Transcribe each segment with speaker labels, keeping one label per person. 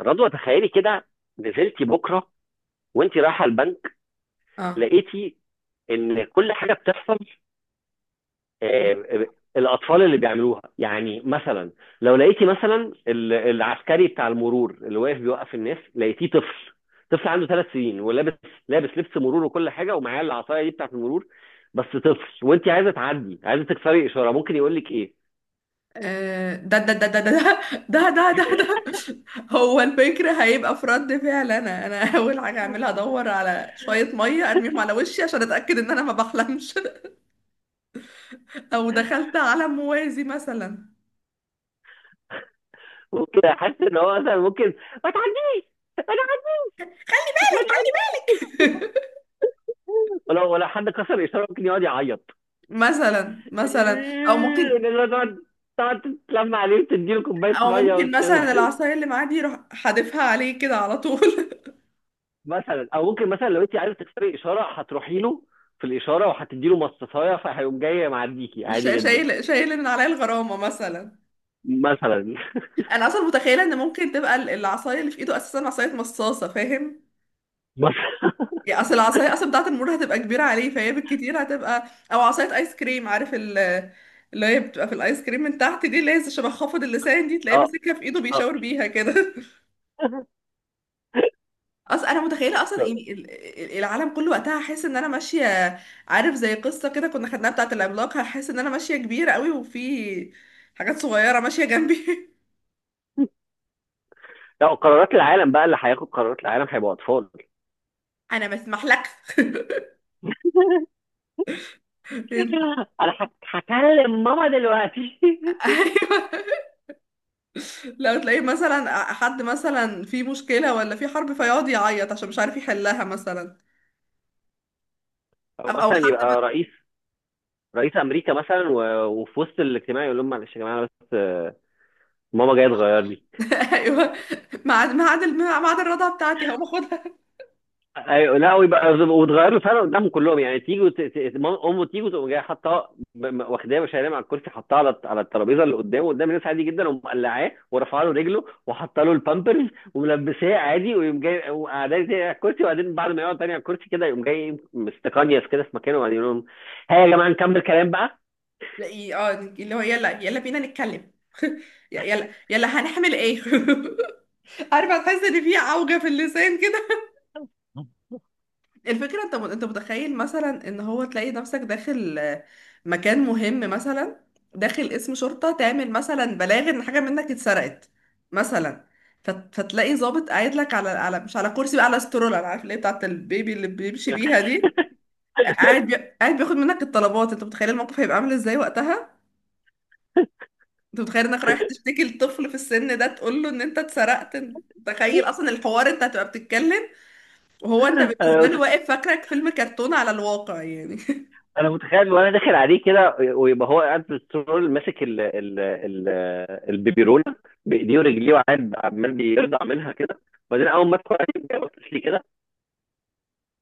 Speaker 1: رضوى، تخيلي كده. نزلتي بكره وانت رايحه البنك،
Speaker 2: اه
Speaker 1: لقيتي ان كل حاجه بتحصل. آه، آه، الاطفال اللي بيعملوها، يعني مثلا لو لقيتي مثلا العسكري بتاع المرور اللي واقف بيوقف الناس، لقيتيه طفل، طفل عنده 3 سنين ولابس. لابس لبس مرور وكل حاجه، ومعاه العصايه دي بتاعت المرور. بس طفل، وانت عايزه تعدي، عايزه تكسري اشاره، ممكن يقول لك ايه؟
Speaker 2: ده ده ده ده ده ده ده ده ده. هو الفكر هيبقى في رد فعل. انا اول حاجه هعملها ادور على شويه ميه ارميهم على وشي عشان اتاكد ان انا ما بحلمش. او دخلت عالم موازي مثلا.
Speaker 1: ممكن احس ان هو مثلا ممكن: ما تعديش، ما تعديش، ما تعديش. ولو ولا حد كسر اشاره ممكن يقعد يعيط.
Speaker 2: مثلا مثلا او
Speaker 1: إيه،
Speaker 2: ممكن
Speaker 1: ونقول تقعد تتلم عليه وتديله كوبايه
Speaker 2: او
Speaker 1: ميه
Speaker 2: ممكن مثلا العصايه اللي معاه دي يروح حادفها عليه كده على طول.
Speaker 1: مثلا، او ممكن مثلا لو انت عايزه تكسري اشاره هتروحي له في الاشاره وهتديله مصاصايه، فهيقوم جاي معديكي
Speaker 2: مش
Speaker 1: عادي جدا.
Speaker 2: شايل من عليا الغرامه مثلا.
Speaker 1: مثلا.
Speaker 2: انا اصلا متخيله ان ممكن تبقى العصايه اللي في ايده اساسا عصايه مصاصه، فاهم؟
Speaker 1: مثلا.
Speaker 2: يا اصل العصايه اصلا بتاعه المور هتبقى كبيره عليه، فهي بالكتير هتبقى او عصايه ايس كريم. عارف اللي هي بتبقى في الايس كريم من تحت دي، اللي هي شبه خافض اللسان دي؟ تلاقيه
Speaker 1: اه،
Speaker 2: ماسكها في ايده
Speaker 1: اه.
Speaker 2: بيشاور بيها كده. اصلا انا متخيله اصلا، يعني العالم كله وقتها هحس ان انا ماشيه. عارف زي قصه كده كنا خدناها بتاعه العملاق؟ هحس ان انا ماشيه كبيره قوي وفي حاجات صغيره ماشيه جنبي.
Speaker 1: لا، قرارات العالم بقى، اللي هياخد قرارات العالم هيبقوا اطفال.
Speaker 2: انا ما اسمحلكش.
Speaker 1: انا هكلم ماما دلوقتي.
Speaker 2: ايوه. لو تلاقيه مثلا حد مثلا في مشكلة ولا في حرب فيقعد يعيط عشان مش عارف يحلها مثلا.
Speaker 1: او
Speaker 2: او
Speaker 1: مثلا
Speaker 2: حد.
Speaker 1: يبقى رئيس رئيس امريكا مثلا، وفي وسط الاجتماع يقول لهم: معلش يا جماعه، بس ماما جايه تغير لي.
Speaker 2: ايوه. ميعاد الرضا بتاعتي هقوم اخدها.
Speaker 1: ايوه، لا، ويبقى وتغير له فعلا قدامهم كلهم، يعني تيجي امه تيجي، تقوم جايه حاطاه واخداه وشايلاه من على الكرسي، حاطاه على الترابيزه اللي قدامه قدام الناس عادي جدا، ومقلعاه ورافعه له رجله وحاطه له البامبرز، وملبساه عادي، ويقوم جاي وقعداه تاني على الكرسي. وبعدين بعد ما يقعد تاني على الكرسي كده يقوم جاي مستقنيس كده في مكانه، وبعدين يقول لهم: ها يا جماعه، نكمل كلام بقى.
Speaker 2: تلاقيه اه، اللي هو يلا يلا بينا نتكلم. يلا يلا هنعمل ايه. عارفة، تحس ان في عوجة في اللسان كده. الفكرة انت متخيل مثلا ان هو تلاقي نفسك داخل مكان مهم مثلا، داخل اسم شرطة تعمل مثلا بلاغ ان حاجة منك اتسرقت مثلا. فتلاقي ضابط قاعد لك على على مش على كرسي بقى، على استرولة، انا عارف اللي هي بتاعت البيبي اللي بيمشي بيها دي، قاعد بياخد منك الطلبات. انت متخيل الموقف هيبقى عامل ازاي وقتها؟ انت متخيل انك رايح تشتكي لطفل في السن ده، تقول له ان انت اتسرقت انت؟ تخيل اصلا الحوار. انت هتبقى بتتكلم، وهو انت بالنسبة له واقف فاكرك فيلم كرتون على الواقع يعني.
Speaker 1: انا متخيل، وانا داخل عليه كده ويبقى هو قاعد بالترول ماسك ال ال ال البيبي رولر بايديه ورجليه، وقاعد عمال بيرضع منها كده. وبعدين اول ما ادخل عليه كده بص لي كده،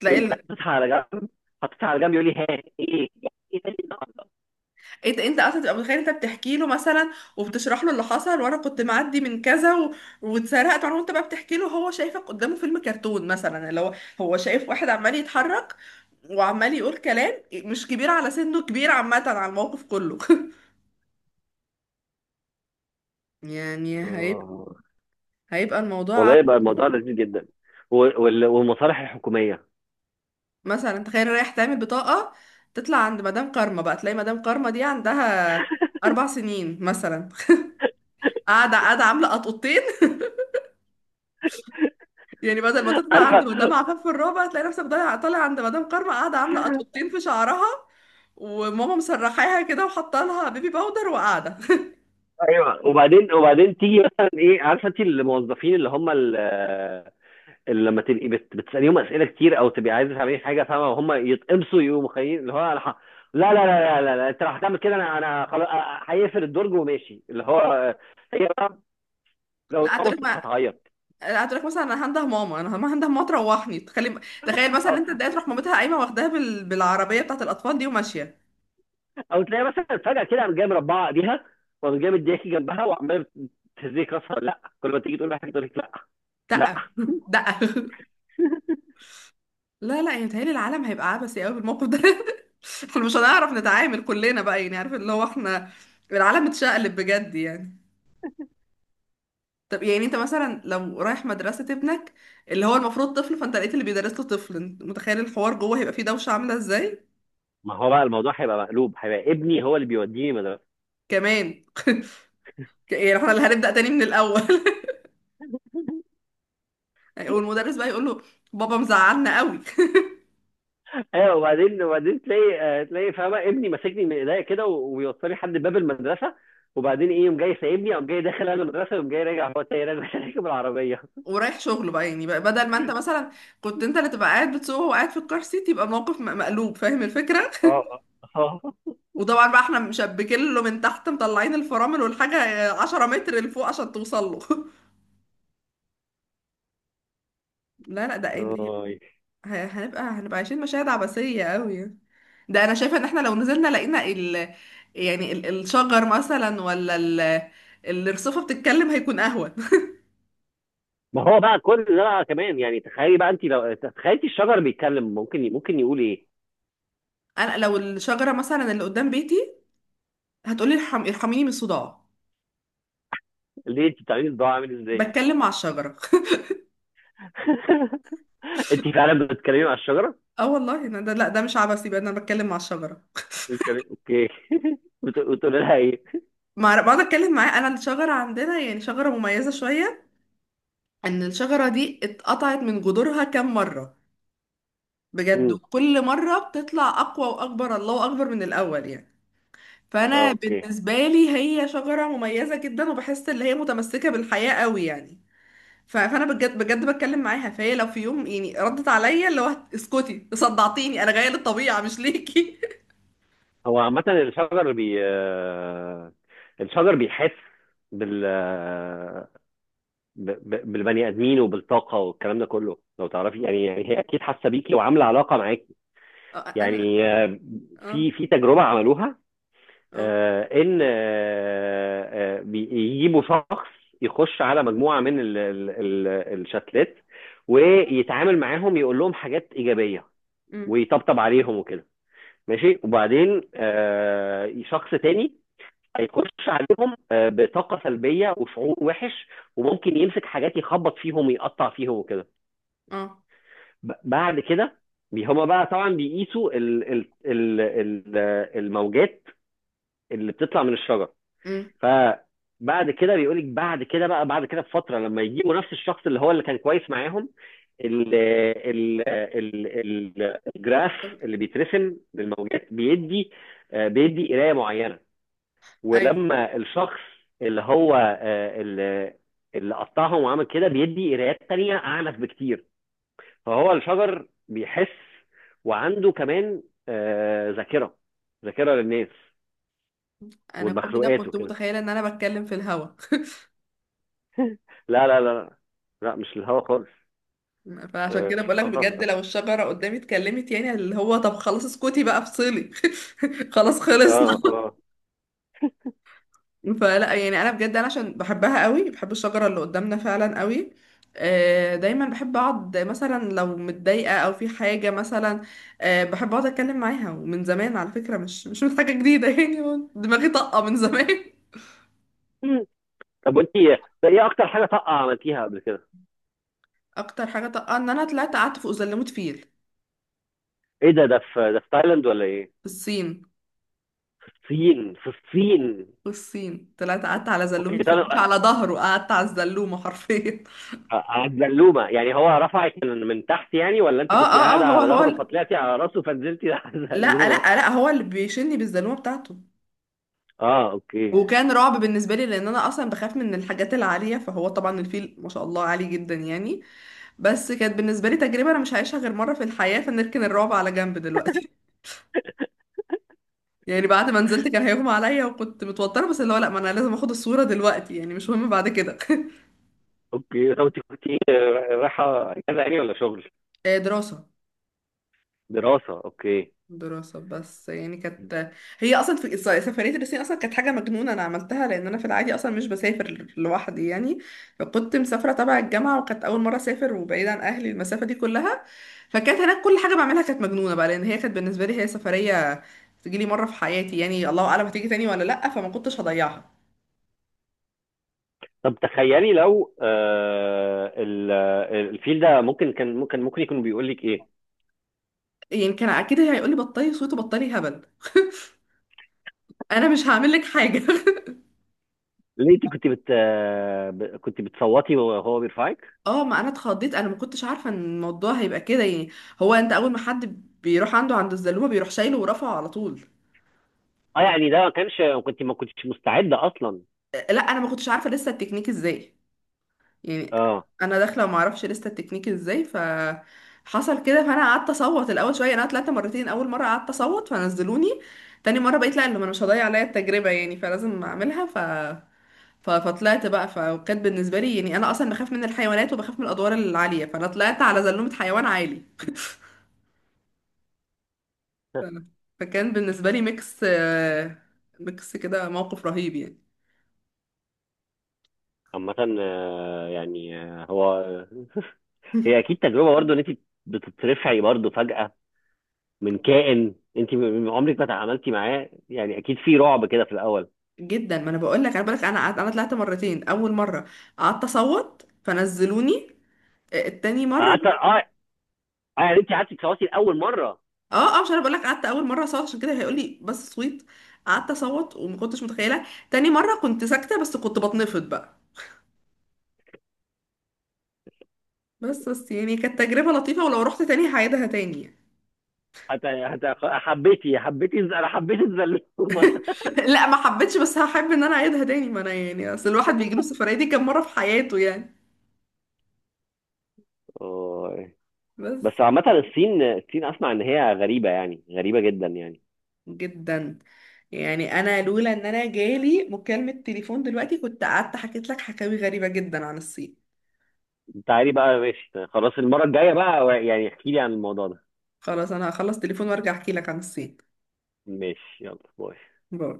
Speaker 2: تلاقي
Speaker 1: ويقوم
Speaker 2: ال...
Speaker 1: حاططها على جنب، يقول لي: ها، ايه ده، إيه ده؟
Speaker 2: انت اصلا تبقى متخيل انت بتحكي له مثلا وبتشرح له اللي حصل، وانا كنت معدي من كذا واتسرقت وانا، وانت بقى بتحكي له هو شايفك قدامه فيلم كرتون مثلا، اللي هو هو شايف واحد عمال يتحرك وعمال يقول كلام مش كبير على سنه، كبير عامة على الموقف كله. يعني
Speaker 1: آه.
Speaker 2: هيبقى الموضوع
Speaker 1: والله
Speaker 2: عب-
Speaker 1: يبقى الموضوع لذيذ جدا، والمصالح الحكوميه.
Speaker 2: مثلا تخيل رايح تعمل بطاقة، تطلع عند مدام كارما بقى، تلاقي مدام كارما دي عندها أربع سنين مثلا. قاعدة قاعدة عاملة قطقطين. يعني بدل ما تطلع عند
Speaker 1: عارفه.
Speaker 2: مدام عفاف في الرابع، تلاقي نفسك طالع عند مدام كارما قاعدة عاملة قطقطين في شعرها، وماما مسرحاها كده وحاطه لها بيبي باودر وقاعدة.
Speaker 1: ايوه، وبعدين تيجي مثلا ايه، عارفه، انت الموظفين اللي هم اللي لما تبقي بتساليهم اسئله كتير او تبقي عايزه تعملي حاجه، فاهمه، وهم يتقمصوا يقوموا خايفين، اللي هو: انا لا لا لا لا لا, لا. انت لو هتعمل كده انا خلاص. هيقفل الدرج وماشي، اللي هو هي بقى لو
Speaker 2: لا
Speaker 1: اتقمصت
Speaker 2: هتقولك ما
Speaker 1: هتعيط.
Speaker 2: لا، هتقولك مثلا انا هنده ماما. انا ما هنده ماما، تروحني تخلي. تخيل مثلا
Speaker 1: او
Speaker 2: انت اتضايقت، تروح مامتها قايمة واخداها بالعربية بتاعت الأطفال دي وماشية.
Speaker 1: او تلاقي مثلا فجاه كده قام جاي مربعه ايديها، وقام جاي مدياكي جنبها وعمال تهزيك راسها: لا، كل ما تيجي تقول لها حاجه تقول لك: لا. لا،
Speaker 2: دقة دقة. لا لا، يعني متهيألي العالم هيبقى عبثي قوي بالموقف ده. احنا مش هنعرف نتعامل كلنا بقى، يعني عارف اللي هو احنا العالم اتشقلب بجد يعني. طب يعني انت مثلا لو رايح مدرسة ابنك، اللي هو المفروض طفل، فانت لقيت اللي بيدرس له طفل، انت متخيل الحوار جوه هيبقى فيه دوشة عاملة ازاي؟
Speaker 1: ما هو بقى الموضوع هيبقى مقلوب، هيبقى ابني هو اللي بيوديني مدرسه.
Speaker 2: كمان. يعني احنا اللي هنبدأ تاني من الاول. والمدرس بقى يقول له بابا مزعلنا قوي.
Speaker 1: ايوه، وبعدين تلاقي، تلاقي فاهمه ابني ماسكني من ايديا كده ويوصلني لحد باب المدرسه. وبعدين ايه، يوم جاي سايبني او جاي داخل انا المدرسه، ويوم جاي راجع هو تاني راجع راكب العربيه.
Speaker 2: ورايح شغله بقى، بدل ما انت مثلا كنت انت اللي تبقى قاعد بتسوق وهو قاعد في الكار سيت، يبقى الموقف مقلوب، فاهم الفكرة؟
Speaker 1: اه.
Speaker 2: وطبعا بقى احنا مشبكين له من تحت مطلعين الفرامل والحاجة 10 متر لفوق عشان توصل له. لا لا، ده قايم.
Speaker 1: اه، أي.
Speaker 2: هنبقى عايشين مشاهد عبثية قوي. ده انا شايفة ان احنا لو نزلنا لقينا ال، يعني الشجر مثلا، ولا الرصافة بتتكلم، هيكون اهون.
Speaker 1: ما هو بقى كل ده بقى كمان، يعني تخيلي بقى، انت لو تخيلتي الشجر بيتكلم، ممكن يقول ايه؟
Speaker 2: انا لو الشجرة مثلا اللي قدام بيتي هتقولي ارحميني من الصداع.
Speaker 1: ليه، انت بتعملي الضوء عامل ازاي؟
Speaker 2: بتكلم مع الشجرة.
Speaker 1: انت فعلا بتتكلمي مع الشجره؟
Speaker 2: اه والله، إن ده، لا، ده مش عبثي بقى إن انا بتكلم مع الشجرة.
Speaker 1: بتتكلمي؟ اوكي. بتقولي لها ايه؟
Speaker 2: مع بقعد اتكلم معاه. انا الشجرة عندنا يعني شجرة مميزة شوية، ان الشجرة دي اتقطعت من جذورها كام مرة بجد،
Speaker 1: مم.
Speaker 2: وكل مرة بتطلع اقوى واكبر، الله اكبر من الاول يعني.
Speaker 1: اه،
Speaker 2: فانا
Speaker 1: اوكي.
Speaker 2: بالنسبه لي هي شجره مميزه جدا، وبحس ان هي متمسكه بالحياه قوي يعني. فانا بجد بجد بتكلم معاها، فهي لو في يوم يعني ردت عليا، اللي هو اسكتي صدعتيني انا جايه للطبيعه مش ليكي.
Speaker 1: هو عامة الشجر بي آه، الشجر بيحس بال آه، بالبني ادمين وبالطاقه والكلام ده كله لو تعرفي، يعني، يعني هي اكيد حاسه بيكي وعامله علاقه معاكي.
Speaker 2: انا.
Speaker 1: يعني،
Speaker 2: اه.
Speaker 1: في تجربه عملوها،
Speaker 2: اه.
Speaker 1: آه، ان آه، آه، بيجيبوا شخص يخش على مجموعه من الشتلات، ويتعامل معاهم، يقول لهم حاجات ايجابيه
Speaker 2: امم
Speaker 1: ويطبطب عليهم وكده. ماشي. وبعدين شخص تاني هيخش عليهم بطاقة سلبية وشعور وحش، وممكن يمسك حاجات يخبط فيهم ويقطع فيهم وكده.
Speaker 2: اه.
Speaker 1: بعد كده هما بقى طبعا بيقيسوا ال ال ال ال الموجات اللي بتطلع من الشجر.
Speaker 2: امم
Speaker 1: فبعد كده بيقولك، بعد كده بقى، بعد كده بفترة، لما يجيبوا نفس الشخص اللي هو اللي كان كويس معاهم، ال ال ال ال الجراف
Speaker 2: طب-
Speaker 1: اللي بيترسم للموجات بيدي قراية معينة.
Speaker 2: ايوه.
Speaker 1: ولما الشخص اللي هو اللي قطعهم وعمل كده بيدي قرايات تانية أعنف بكتير. فهو الشجر بيحس، وعنده كمان ذاكرة، ذاكرة للناس
Speaker 2: انا كل ده
Speaker 1: والمخلوقات
Speaker 2: كنت
Speaker 1: وكده.
Speaker 2: متخيله ان انا بتكلم في الهوا.
Speaker 1: لا لا لا، لا مش الهوا خالص.
Speaker 2: فعشان كده
Speaker 1: مش
Speaker 2: بقولك
Speaker 1: الهوا
Speaker 2: بجد لو
Speaker 1: خالص.
Speaker 2: الشجره قدامي اتكلمت، يعني اللي هو طب خلاص اسكتي بقى افصلي. خلاص خلصنا.
Speaker 1: اه، اه.
Speaker 2: فلا يعني انا بجد، انا عشان بحبها قوي، بحب الشجره اللي قدامنا فعلا قوي. دايما بحب اقعد مثلا لو متضايقه او في حاجه مثلا، بحب اقعد اتكلم معاها، ومن زمان على فكره، مش من حاجه جديده. يعني هو دماغي طاقه من زمان.
Speaker 1: مم. طب وانت ايه، اكتر حاجة طاقة عملتيها قبل كده؟
Speaker 2: اكتر حاجه طاقه، ان انا طلعت قعدت فوق زلمه فيل.
Speaker 1: ايه ده؟ ده في تايلاند ولا ايه؟
Speaker 2: في الصين.
Speaker 1: في الصين. في الصين،
Speaker 2: في الصين طلعت قعدت على
Speaker 1: اوكي،
Speaker 2: زلومه فيل،
Speaker 1: طيب،
Speaker 2: مش على ظهره، قعدت على الزلومه حرفيا.
Speaker 1: قعد زلومه يعني، هو رفعك من تحت يعني، ولا
Speaker 2: اه
Speaker 1: انت كنت
Speaker 2: اه اه.
Speaker 1: قاعده على ظهره فطلعتي على راسه فنزلتي على
Speaker 2: لا
Speaker 1: زلومه؟
Speaker 2: لا لا، هو اللي بيشني بالزلومه بتاعته.
Speaker 1: اه، اوكي.
Speaker 2: وكان رعب بالنسبة لي، لأن أنا أصلا بخاف من الحاجات العالية، فهو طبعا الفيل ما شاء الله عالي جدا يعني. بس كانت بالنسبة لي تجربة أنا مش هعيشها غير مرة في الحياة، فنركن الرعب على جنب دلوقتي. يعني بعد ما نزلت كان هيغمى عليا وكنت متوترة، بس اللي هو لأ، ما أنا لازم أخد الصورة دلوقتي، يعني مش مهم بعد كده.
Speaker 1: اوكي طب، انت كنت رايحه اجازه يعني ولا شغل؟
Speaker 2: دراسة.
Speaker 1: دراسه، اوكي.
Speaker 2: دراسة، بس يعني كانت، هي أصلا في سفرية الصين أصلا كانت حاجة مجنونة أنا عملتها، لأن أنا في العادي أصلا مش بسافر لوحدي يعني. فكنت مسافرة تبع الجامعة، وكانت أول مرة أسافر وبعيد عن أهلي المسافة دي كلها. فكانت هناك كل حاجة بعملها كانت مجنونة بقى، لأن هي كانت بالنسبة لي هي سفرية تجيلي مرة في حياتي، يعني الله أعلم هتيجي تاني ولا لأ، فما كنتش هضيعها.
Speaker 1: طب تخيلي لو الفيل ده، ممكن كان، ممكن يكون بيقول لك ايه؟
Speaker 2: يعني كان أكيد هيقولي بطلي صوت وبطلي هبل. أنا مش هعمل لك حاجة.
Speaker 1: ليه، انت كنت بت آه، ب- كنت بتصوتي وهو بيرفعك؟
Speaker 2: اه، ما انا اتخضيت، انا ما كنتش عارفه ان الموضوع هيبقى كده يعني. هو انت اول ما حد بيروح عنده عند الزلومه، بيروح شايله ورافعه على طول.
Speaker 1: اه،
Speaker 2: طب-
Speaker 1: يعني ده ما كانش، كنت ما كنتش مستعده اصلا.
Speaker 2: لا انا ما كنتش عارفه لسه التكنيك ازاي يعني.
Speaker 1: اه.
Speaker 2: انا داخله وما اعرفش لسه التكنيك ازاي، ف حصل كده. فانا قعدت اصوت الاول شويه. انا طلعت مرتين، اول مره قعدت اصوت فنزلوني. تاني مره بقيت لا اللي انا مش هضيع عليا التجربه يعني، فلازم اعملها فطلعت بقى. فكانت بالنسبه لي يعني، انا اصلا بخاف من الحيوانات وبخاف من الادوار العاليه، فانا طلعت على زلومه حيوان عالي. ف- فكان بالنسبة لي ميكس، ميكس كده موقف رهيب يعني.
Speaker 1: عامة هي اكيد تجربه برضو، ان انت بتترفعي برضو فجاه من كائن انت عمرك ما تعاملتي معاه، يعني اكيد في رعب كده في الاول.
Speaker 2: جدا. ما انا بقول لك، انا طلعت مرتين، اول مرة قعدت اصوت فنزلوني. التاني مرة.
Speaker 1: حتى اه. انت قعدتي تصوتي لاول مره.
Speaker 2: اه اه، مش انا بقول لك قعدت اول مرة اصوت، عشان كده هيقول لي بس صويت. قعدت اصوت وما كنتش متخيلة. تاني مرة كنت ساكتة بس كنت بتنفض بقى. بس يعني كانت تجربة لطيفة، ولو رحت تاني هعيدها تاني يعني.
Speaker 1: حتى انا حبيت الزلومه.
Speaker 2: لا ما حبيتش، بس هحب ان انا اعيدها تاني، ما انا يعني اصل الواحد بيجيله السفرية دي كام مرة في حياته يعني.
Speaker 1: أوه. بس
Speaker 2: بس.
Speaker 1: عامة، الصين، الصين اسمع ان هي غريبة، يعني غريبة جدا يعني.
Speaker 2: جدا يعني. انا لولا ان انا جالي مكالمة تليفون دلوقتي كنت قعدت حكيت لك حكاوي غريبة جدا عن الصين.
Speaker 1: تعالي بقى، ماشي، خلاص المرة الجاية بقى يعني، احكي لي عن الموضوع ده.
Speaker 2: خلاص، انا هخلص تليفون وارجع احكي لك عن الصين.
Speaker 1: ماشي، يلا، باي.
Speaker 2: باي.